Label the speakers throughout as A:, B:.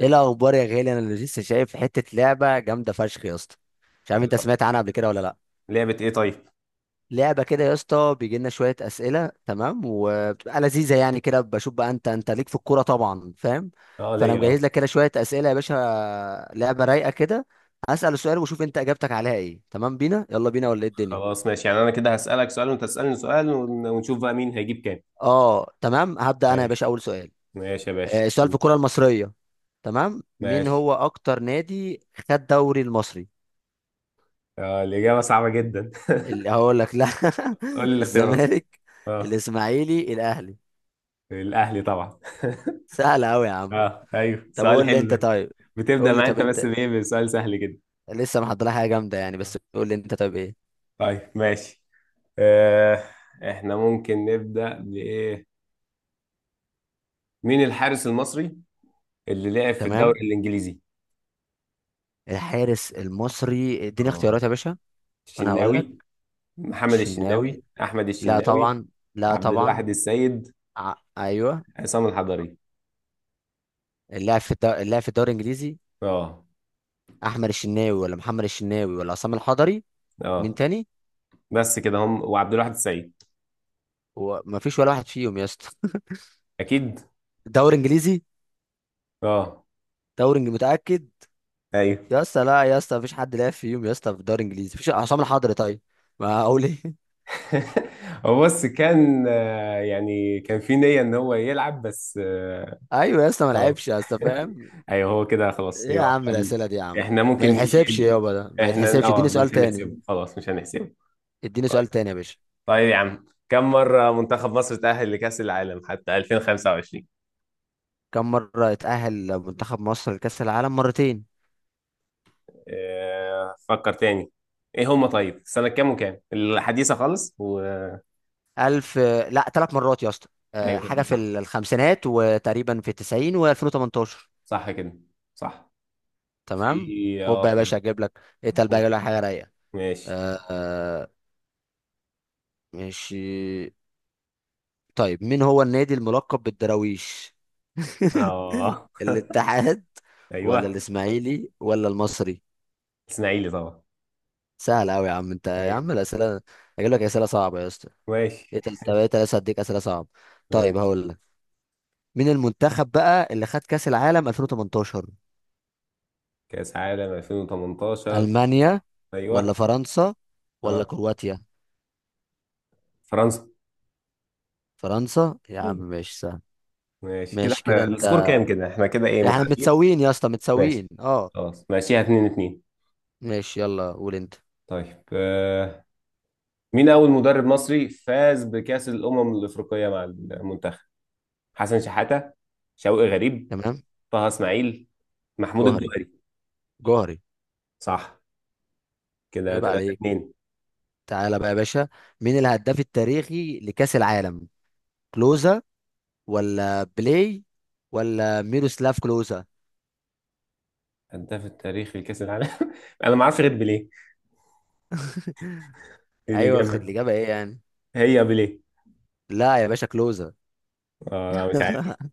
A: ايه الاخبار يا غالي؟ انا لسه شايف حته لعبه جامده فشخ يا اسطى. مش عارف انت
B: طب،
A: سمعت عنها قبل كده ولا لا.
B: لعبة ايه طيب؟
A: لعبه كده يا اسطى، بيجي لنا شويه اسئله، تمام، وبتبقى لذيذه يعني. كده بشوف بقى انت ليك في الكوره طبعا، فاهم؟
B: اه،
A: فانا
B: ليا،
A: مجهز
B: اه.
A: لك كده شويه اسئله يا باشا. لعبه رايقه كده. هسال سؤال وشوف انت اجابتك عليها ايه، تمام؟ بينا، يلا بينا ولا ايه الدنيا؟
B: خلاص ماشي، يعني انا كده هسألك سؤال وانت تسألني سؤال ونشوف بقى مين هيجيب كام.
A: اه تمام، هبدا انا يا باشا
B: ماشي
A: اول سؤال.
B: ماشي يا باشا.
A: السؤال في الكوره المصريه. تمام، مين
B: ماشي.
A: هو اكتر نادي خد دوري المصري؟
B: اه، الإجابة صعبة جدا.
A: اللي هقول لك لا.
B: قول لي الاختيارات.
A: الزمالك،
B: اه،
A: الاسماعيلي، الاهلي.
B: الأهلي طبعا.
A: سهله قوي يا عم.
B: اه، ايوه،
A: طب
B: سؤال
A: قول لي
B: حلو
A: انت
B: ده.
A: طيب.
B: بتبدأ
A: قول لي
B: معايا
A: طب
B: انت بس
A: انت.
B: بايه؟ بسؤال سهل جدا.
A: لسه محضر لها حاجه جامده يعني، بس
B: آه.
A: قول لي انت طيب ايه.
B: طيب، ماشي. آه احنا ممكن نبدأ بإيه. مين الحارس المصري اللي لعب في
A: تمام،
B: الدوري الإنجليزي؟
A: الحارس المصري، اديني اختيارات
B: اه،
A: يا باشا وانا هقول لك.
B: الشناوي، محمد
A: الشناوي؟
B: الشناوي، احمد
A: لا
B: الشناوي،
A: طبعا. لا
B: عبد
A: طبعا.
B: الواحد السيد،
A: ايوه.
B: عصام الحضري.
A: اللاعب في الدوري الانجليزي.
B: اه،
A: احمد الشناوي ولا محمد الشناوي ولا عصام الحضري؟ مين
B: اه،
A: تاني؟
B: بس كده، هم وعبد الواحد السيد.
A: ومفيش ولا واحد فيهم يا اسطى؟
B: اكيد.
A: دوري انجليزي.
B: اه،
A: متاكد؟
B: ايوه.
A: يا اسطى لا يا اسطى، مفيش حد لعب فيهم يا اسطى في الدوري الانجليزي، مفيش عصام الحضري طيب. ما اقول ايه.
B: هو بص كان، يعني كان في نية ان هو يلعب، بس
A: ايوه يا اسطى، ما
B: آه.
A: لعبش يا اسطى، فاهم.
B: ايوه، هو كده خلاص،
A: ايه يا
B: يبقى
A: عم
B: هو.
A: الاسئله دي يا عم؟
B: احنا
A: ما
B: ممكن
A: يتحسبش
B: نشيل
A: يابا، ده ما
B: احنا
A: يتحسبش، اديني
B: اه مش
A: سؤال تاني.
B: هنحسبه، خلاص مش هنحسبه.
A: اديني سؤال
B: طيب.
A: تاني يا باشا.
B: طيب يا عم، كم مرة منتخب مصر تأهل لكأس العالم حتى 2025؟
A: كم مره اتاهل منتخب مصر لكاس العالم؟ مرتين.
B: فكر تاني. ايه هما طيب؟ سنة كام وكام الحديثة خالص و...
A: الف. لا ثلاث مرات يا اسطى.
B: ايوه
A: حاجه
B: كده
A: في
B: صح.
A: الخمسينات، وتقريبا في 90 و2018.
B: صح كده. صح. في
A: تمام. خد
B: اه
A: بقى يا
B: في.
A: باشا اجيب لك. اتقل بقى اجيب لك حاجه رايقه.
B: ماشي.
A: أه أه ماشي. طيب مين هو النادي الملقب بالدراويش؟
B: اه،
A: الاتحاد ولا
B: ايوه،
A: الاسماعيلي ولا المصري؟
B: اسماعيلي طبعا.
A: سهل قوي يا عم انت يا عم
B: ايوه.
A: الاسئله. اجيب لك اسئله صعبه يا اسطى.
B: ماشي
A: طب ايه تلاته هديك اسئله صعبه؟ طيب
B: ماشي.
A: هقول لك. مين المنتخب بقى اللي خد كاس العالم 2018؟
B: كأس عالم 2018.
A: المانيا ولا
B: ايوه.
A: فرنسا ولا
B: اه،
A: كرواتيا؟
B: فرنسا.
A: فرنسا يا عم.
B: ايوه.
A: ماشي سهل.
B: ماشي كده،
A: ماشي كده
B: احنا السكور
A: انت.
B: كام؟ كده احنا كده ايه،
A: احنا
B: متعادلين.
A: متساويين يا اسطى،
B: ماشي
A: متساويين، اه.
B: خلاص، ماشيها 2 2.
A: ماشي، يلا قول انت.
B: طيب. مين أول مدرب مصري فاز بكأس الأمم الأفريقية مع المنتخب؟ حسن شحاتة، شوقي غريب،
A: تمام.
B: طه إسماعيل، محمود
A: جوهري،
B: الجوهري.
A: جوهري.
B: صح. كده
A: عيب
B: 3
A: عليك.
B: 2.
A: تعالى بقى يا باشا. مين الهداف التاريخي لكأس العالم؟ كلوزا ولا بلاي ولا ميروسلاف كلوزا؟
B: هداف التاريخ لكأس العالم. أنا ما أعرفش غير بيليه، دي
A: ايوه خد
B: الإجابة.
A: الإجابة، ايه يعني؟
B: هي بيليه.
A: لا يا باشا كلوزا.
B: اه، لا، مش عارف.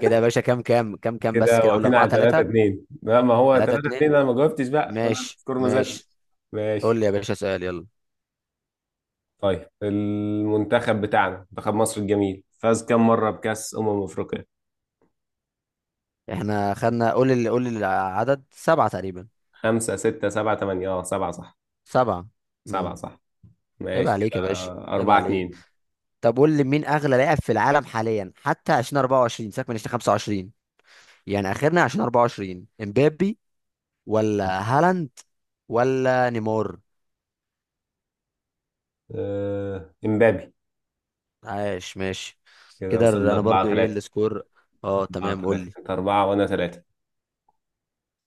A: كده يا باشا كام؟ كام كام كام بس،
B: كده
A: كده قول
B: واقفين
A: 4
B: على 3
A: 3.
B: 2. لا، ما هو
A: 3
B: 3 2،
A: 2.
B: انا ما جاوبتش بقى، فانا
A: ماشي،
B: السكور ما زادش.
A: ماشي. قول
B: ماشي.
A: لي يا باشا سؤال، يلا.
B: طيب، المنتخب بتاعنا، منتخب مصر الجميل، فاز كم مرة بكأس أمم أفريقيا؟
A: احنا خدنا، قول لي، قول لي العدد. سبعة تقريبا.
B: خمسة، ستة، سبعة، تمانية. اه، سبعة صح.
A: سبعة.
B: سبعة
A: امم.
B: صح.
A: عيب
B: ماشي
A: عليك يا
B: كده.
A: باشا، عيب
B: أربعة
A: عليك.
B: اتنين.
A: طب قول لي، مين اغلى لاعب في العالم حاليا حتى 2024، سيبك من 2025، يعني اخرنا عشان 24؟ امبابي ولا هالاند ولا نيمار؟
B: إمبابي.
A: عاش. ماشي
B: كده
A: كده
B: وصلنا
A: انا برضو،
B: أربعة
A: ايه
B: تلاتة.
A: السكور؟ اه
B: أربعة
A: تمام، قول
B: تلاتة،
A: لي.
B: أنت أربعة وأنا تلاتة.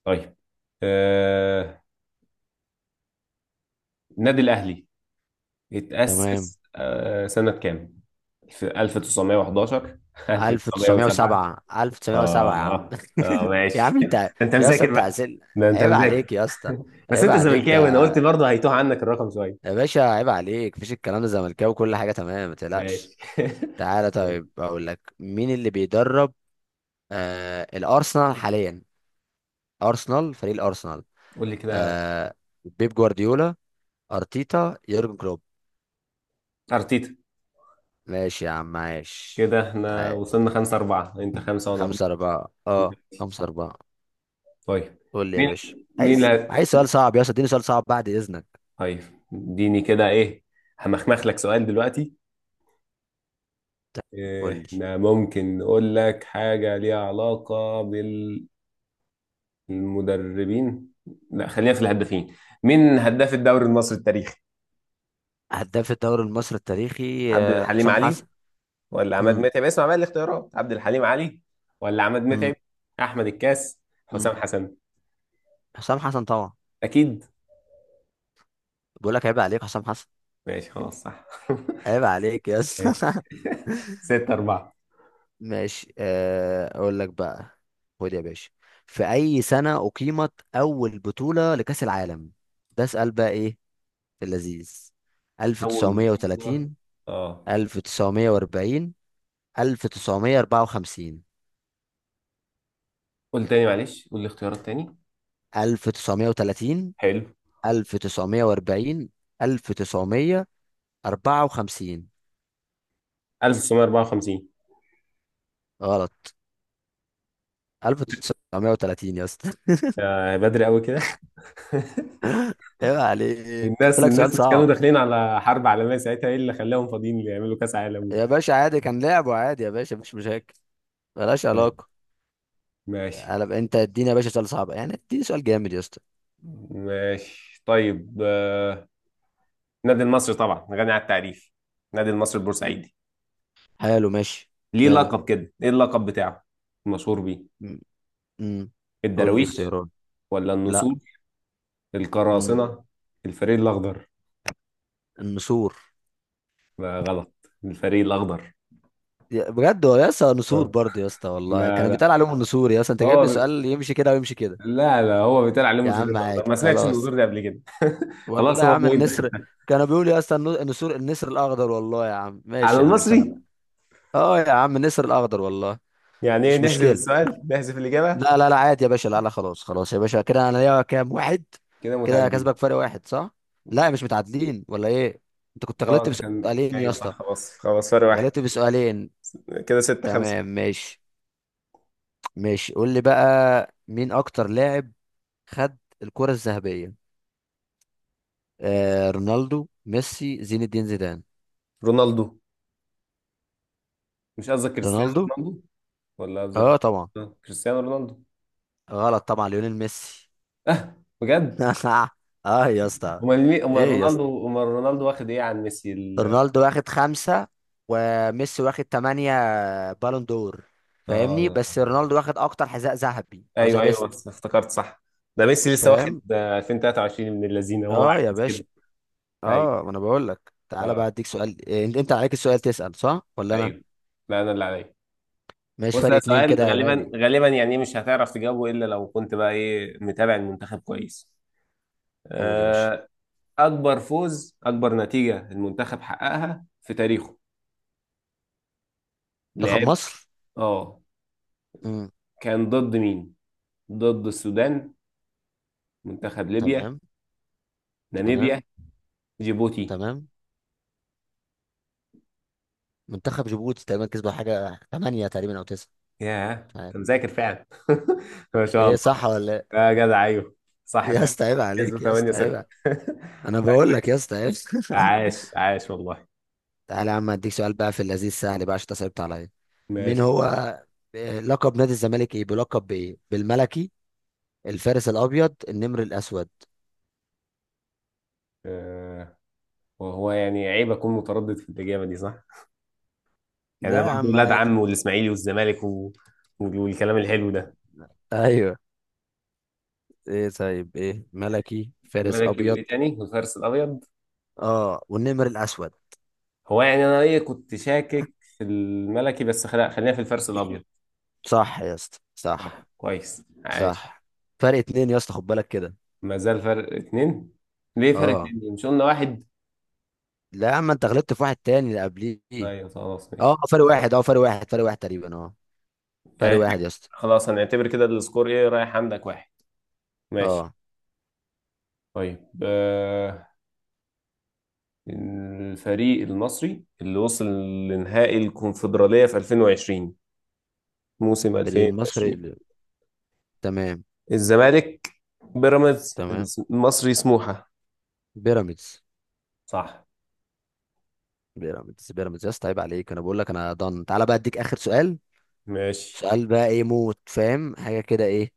B: طيب. آه، النادي الأهلي
A: تمام.
B: اتأسس سنة كام؟ في 1911. 1907.
A: 1907، 1907 يا عم.
B: آه. آه،
A: يا
B: ماشي.
A: عم انت،
B: أنت
A: يا اسطى
B: مذاكر
A: انت
B: بقى.
A: عسل.
B: ده أنت
A: عيب عليك
B: مذاكر.
A: يا اسطى،
B: بس
A: عيب
B: أنت
A: عليك ده
B: زملكاوي، أنا قلت برضه هيتوه عنك الرقم شوية.
A: يا باشا، عيب عليك. مفيش الكلام ده، زملكاوي وكل حاجه تمام، ما تقلقش.
B: ماشي.
A: تعالى. طيب اقول لك، مين اللي بيدرب الارسنال حاليا؟ ارسنال، فريق الارسنال.
B: قول لي كده.
A: آه بيب جوارديولا، ارتيتا، يورجن كلوب؟
B: أرتيتا.
A: ماشي يا عم، عايش.
B: كده احنا
A: عايش.
B: وصلنا خمسة أربعة، أنت خمسة وأنا
A: خمسة
B: أربعة.
A: أربعة، اه خمسة أربعة.
B: طيب.
A: قول لي يا
B: مين
A: باشا،
B: مين اللي
A: عايز
B: هت-
A: عايز سؤال صعب يا اسطى، اديني سؤال صعب بعد إذنك.
B: طيب، اديني كده إيه، همخمخ لك سؤال دلوقتي.
A: طيب،
B: إيه،
A: قول لي.
B: احنا ممكن نقول لك حاجة ليها علاقة بالمدربين. لا، خلينا في الهدافين. مين هداف الدوري المصري التاريخي؟
A: هداف الدوري المصري التاريخي،
B: عبد الحليم
A: حسام
B: علي،
A: حسن.
B: ولا عماد
A: امم
B: متعب. اسمع بقى الاختيارات. عبد الحليم علي، ولا عماد
A: امم
B: متعب، أحمد الكاس،
A: امم.
B: حسام حسن.
A: حسام حسن طبعا.
B: أكيد.
A: بقول لك عيب عليك، حسام حسن.
B: ماشي خلاص، صح.
A: عيب عليك يا
B: ماشي.
A: اسطى.
B: ستة أربعة.
A: ماشي، اقول لك بقى. خد يا باشا. في اي سنة اقيمت اول بطولة لكأس العالم؟ ده اسأل بقى ايه، في اللذيذ.
B: أول بطولة،
A: 1930،
B: اه
A: 1940، 1954.
B: قول تاني، معلش، قول لي اختيارات تاني.
A: 1930،
B: حلو.
A: 1940، 1954.
B: 1954.
A: غلط، 1930 يا اسطى.
B: آه، بدري قوي كده.
A: عيب عليك،
B: الناس
A: قلت لك سؤال
B: الناس مش كانوا
A: صعب.
B: داخلين على حرب عالمية ساعتها؟ ايه اللي خلاهم فاضيين اللي يعملوا كأس عالم؟
A: يا باشا عادي، كان لعبه عادي يا باشا، مش مشاكل. ملهاش
B: طيب.
A: علاقة.
B: ماشي
A: قلب انت، اديني يا باشا سؤال صعب يعني، اديني سؤال جامد يا اسطى.
B: ماشي. طيب. النادي المصري طبعا غني عن التعريف. النادي المصري البورسعيدي،
A: حلو، ماشي.
B: ليه
A: ماله.
B: لقب كده؟ ايه اللقب بتاعه مشهور بيه؟
A: مم. مم. قول لي
B: الدراويش،
A: اختيارات.
B: ولا
A: لا.
B: النسور،
A: مم.
B: القراصنة، الفريق الأخضر.
A: النسور.
B: لا، غلط. الفريق الأخضر
A: يا- بجد هو يا اسطى نسور
B: اه
A: برضه يا اسطى، والله كان
B: لا،
A: بيتقال عليهم النسور يا اسطى، انت جايب
B: هو
A: لي
B: ب...
A: سؤال يمشي كده ويمشي كده.
B: لا لا، هو بيتقال عليهم
A: يا
B: الفريق
A: عم
B: الاخضر،
A: عادي
B: ما سمعتش
A: خلاص.
B: النظور ده قبل كده. خلاص،
A: والله يا
B: هو
A: عم
B: بوينت، خد.
A: النسر. كانوا بيقولوا يا اسطى النسور، النسر الاخضر، والله يا عم.
B: على
A: ماشي يا عم،
B: المصري.
A: سهله. اه يا عم النسر الاخضر، والله.
B: يعني ايه،
A: مش
B: نحذف
A: مشكله.
B: السؤال، نحذف الاجابه.
A: لا لا لا عادي يا باشا، لا لا خلاص، خلاص يا باشا، كده انا ليا كام واحد.
B: كده
A: كده كسبك
B: متعادلين.
A: فرق واحد، صح؟ لا مش متعادلين، ولا ايه؟ انت كنت
B: اه،
A: غلطت
B: انت كان،
A: بسؤالين يا
B: ايوه
A: اسطى.
B: صح. خلاص خلاص، فرق واحد.
A: غلطت بسؤالين.
B: كده 6 5.
A: تمام، ماشي ماشي. قول لي بقى، مين اكتر لاعب خد الكرة الذهبية؟ آه رونالدو، ميسي، زين الدين زيدان.
B: رونالدو. مش قصدك كريستيانو
A: رونالدو.
B: رونالدو ولا قصدك؟
A: اه طبعا.
B: كريستيانو رونالدو.
A: غلط طبعا، ليونيل ميسي.
B: اه، بجد؟
A: اه يا اسطى.
B: امال مين؟ امال
A: ايه يا اسطى،
B: رونالدو امال رونالدو واخد ايه عن ميسي.
A: رونالدو واخد خمسة وميسي واخد تمانية بالون دور، فاهمني؟
B: اه،
A: بس رونالدو واخد اكتر حذاء ذهبي او ذا
B: ايوه ايوه،
A: بيست.
B: بس افتكرت، صح. ده ميسي لسه واخد
A: فاهم.
B: 2023، من اللذينه، وهو
A: اه يا
B: عايز
A: باشا.
B: كده.
A: اه
B: ايوه.
A: ما انا بقول لك، تعالى بقى
B: آه.
A: اديك سؤال. انت انت عليك السؤال تسأل، صح ولا انا؟
B: ايوه. لا، انا اللي عليا.
A: ماشي،
B: بص،
A: فرق
B: ده
A: اتنين كده
B: سؤال
A: يا
B: غالبا
A: غالي.
B: غالبا يعني مش هتعرف تجاوبه، الا لو كنت بقى ايه متابع المنتخب كويس.
A: قول يا باشا.
B: آه، اكبر نتيجة المنتخب حققها في تاريخه.
A: منتخب
B: لعب.
A: مصر.
B: اه
A: امم.
B: كان ضد مين؟ ضد السودان، منتخب ليبيا،
A: تمام. تمام.
B: ناميبيا، جيبوتي.
A: تمام. منتخب جيبوتي تقريبا، كسبوا حاجة تمانية تقريبا او تسعة.
B: ياه،
A: مش
B: انت
A: عارف.
B: مذاكر فعلا. ما شاء
A: ايه،
B: الله.
A: صح ولا إيه؟
B: يا جدع ايوه، صح
A: يا
B: فعلا.
A: اسطى عيب
B: كسبوا
A: عليك يا اسطى، عيب
B: 8-0.
A: عليك. انا بقول لك يا اسطى، عيب.
B: عاش عاش والله.
A: تعالى يا عم اديك سؤال بقى في اللذيذ، سهل بقى عشان انت صعبت عليا. مين
B: ماشي.
A: هو، لقب نادي الزمالك ايه؟ بلقب بايه، بالملكي، الفارس الابيض، النمر الاسود؟
B: آه، وهو يعني عيب اكون متردد في الاجابه دي، صح؟ يعني
A: لا
B: انا
A: يا
B: برضه
A: عم
B: ولاد
A: عادي.
B: عم والاسماعيلي والزمالك والكلام الحلو ده.
A: ايوه. ايه طيب ايه؟ ملكي، فارس
B: الملكي،
A: ابيض.
B: وايه تاني؟ والفارس الابيض.
A: اه والنمر الاسود.
B: هو يعني انا ايه، كنت شاكك في الملكي، بس خلينا في الفارس الابيض.
A: صح يا اسطى،
B: طيب.
A: صح.
B: كويس، عاش.
A: صح. فرق اتنين يا اسطى، خد بالك كده.
B: ما زال فرق اتنين. ليه فرق
A: اه.
B: اتنين؟ مش قلنا واحد؟
A: لا يا عم، انت غلطت في واحد تاني اللي قبليه.
B: ايوه، خلاص،
A: اه
B: ماشي.
A: فرق واحد، اه فرق واحد، فرق واحد تقريبا، اه.
B: يعني
A: فرق
B: احنا
A: واحد يا اسطى.
B: خلاص هنعتبر كده السكور ايه، رايح عندك واحد. ماشي.
A: اه.
B: طيب. الفريق المصري اللي وصل لنهائي الكونفدرالية في 2020، موسم
A: فريق المصري.
B: 2020.
A: تمام.
B: الزمالك، بيراميدز،
A: تمام.
B: المصري، سموحة.
A: بيراميدز،
B: صح.
A: بيراميدز. بيراميدز يا اسطى، عيب عليك، انا بقول لك، انا ضن. تعالى بقى اديك اخر سؤال.
B: ماشي.
A: سؤال بقى ايه موت، فاهم حاجه كده ايه؟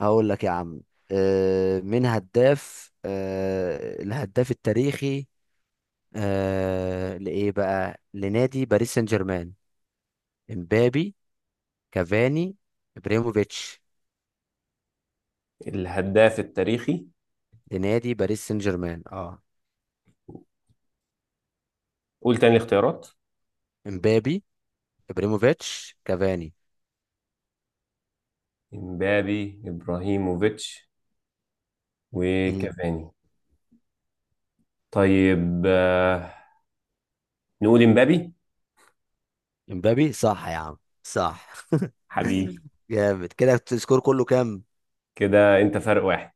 A: هقول لك يا عم. من هداف، الهداف التاريخي، لايه بقى، لنادي باريس سان جيرمان؟ امبابي، كافاني، ابريموفيتش.
B: الهداف التاريخي.
A: لنادي باريس سان جيرمان، اه.
B: قول تاني الاختيارات.
A: امبابي، ابريموفيتش، كافاني.
B: امبابي، ابراهيموفيتش،
A: امم.
B: وكافاني. طيب. نقول امبابي.
A: امبابي صح يا عم، صح.
B: حبيبي.
A: جامد. كده السكور كله كام؟
B: كده انت فرق واحد.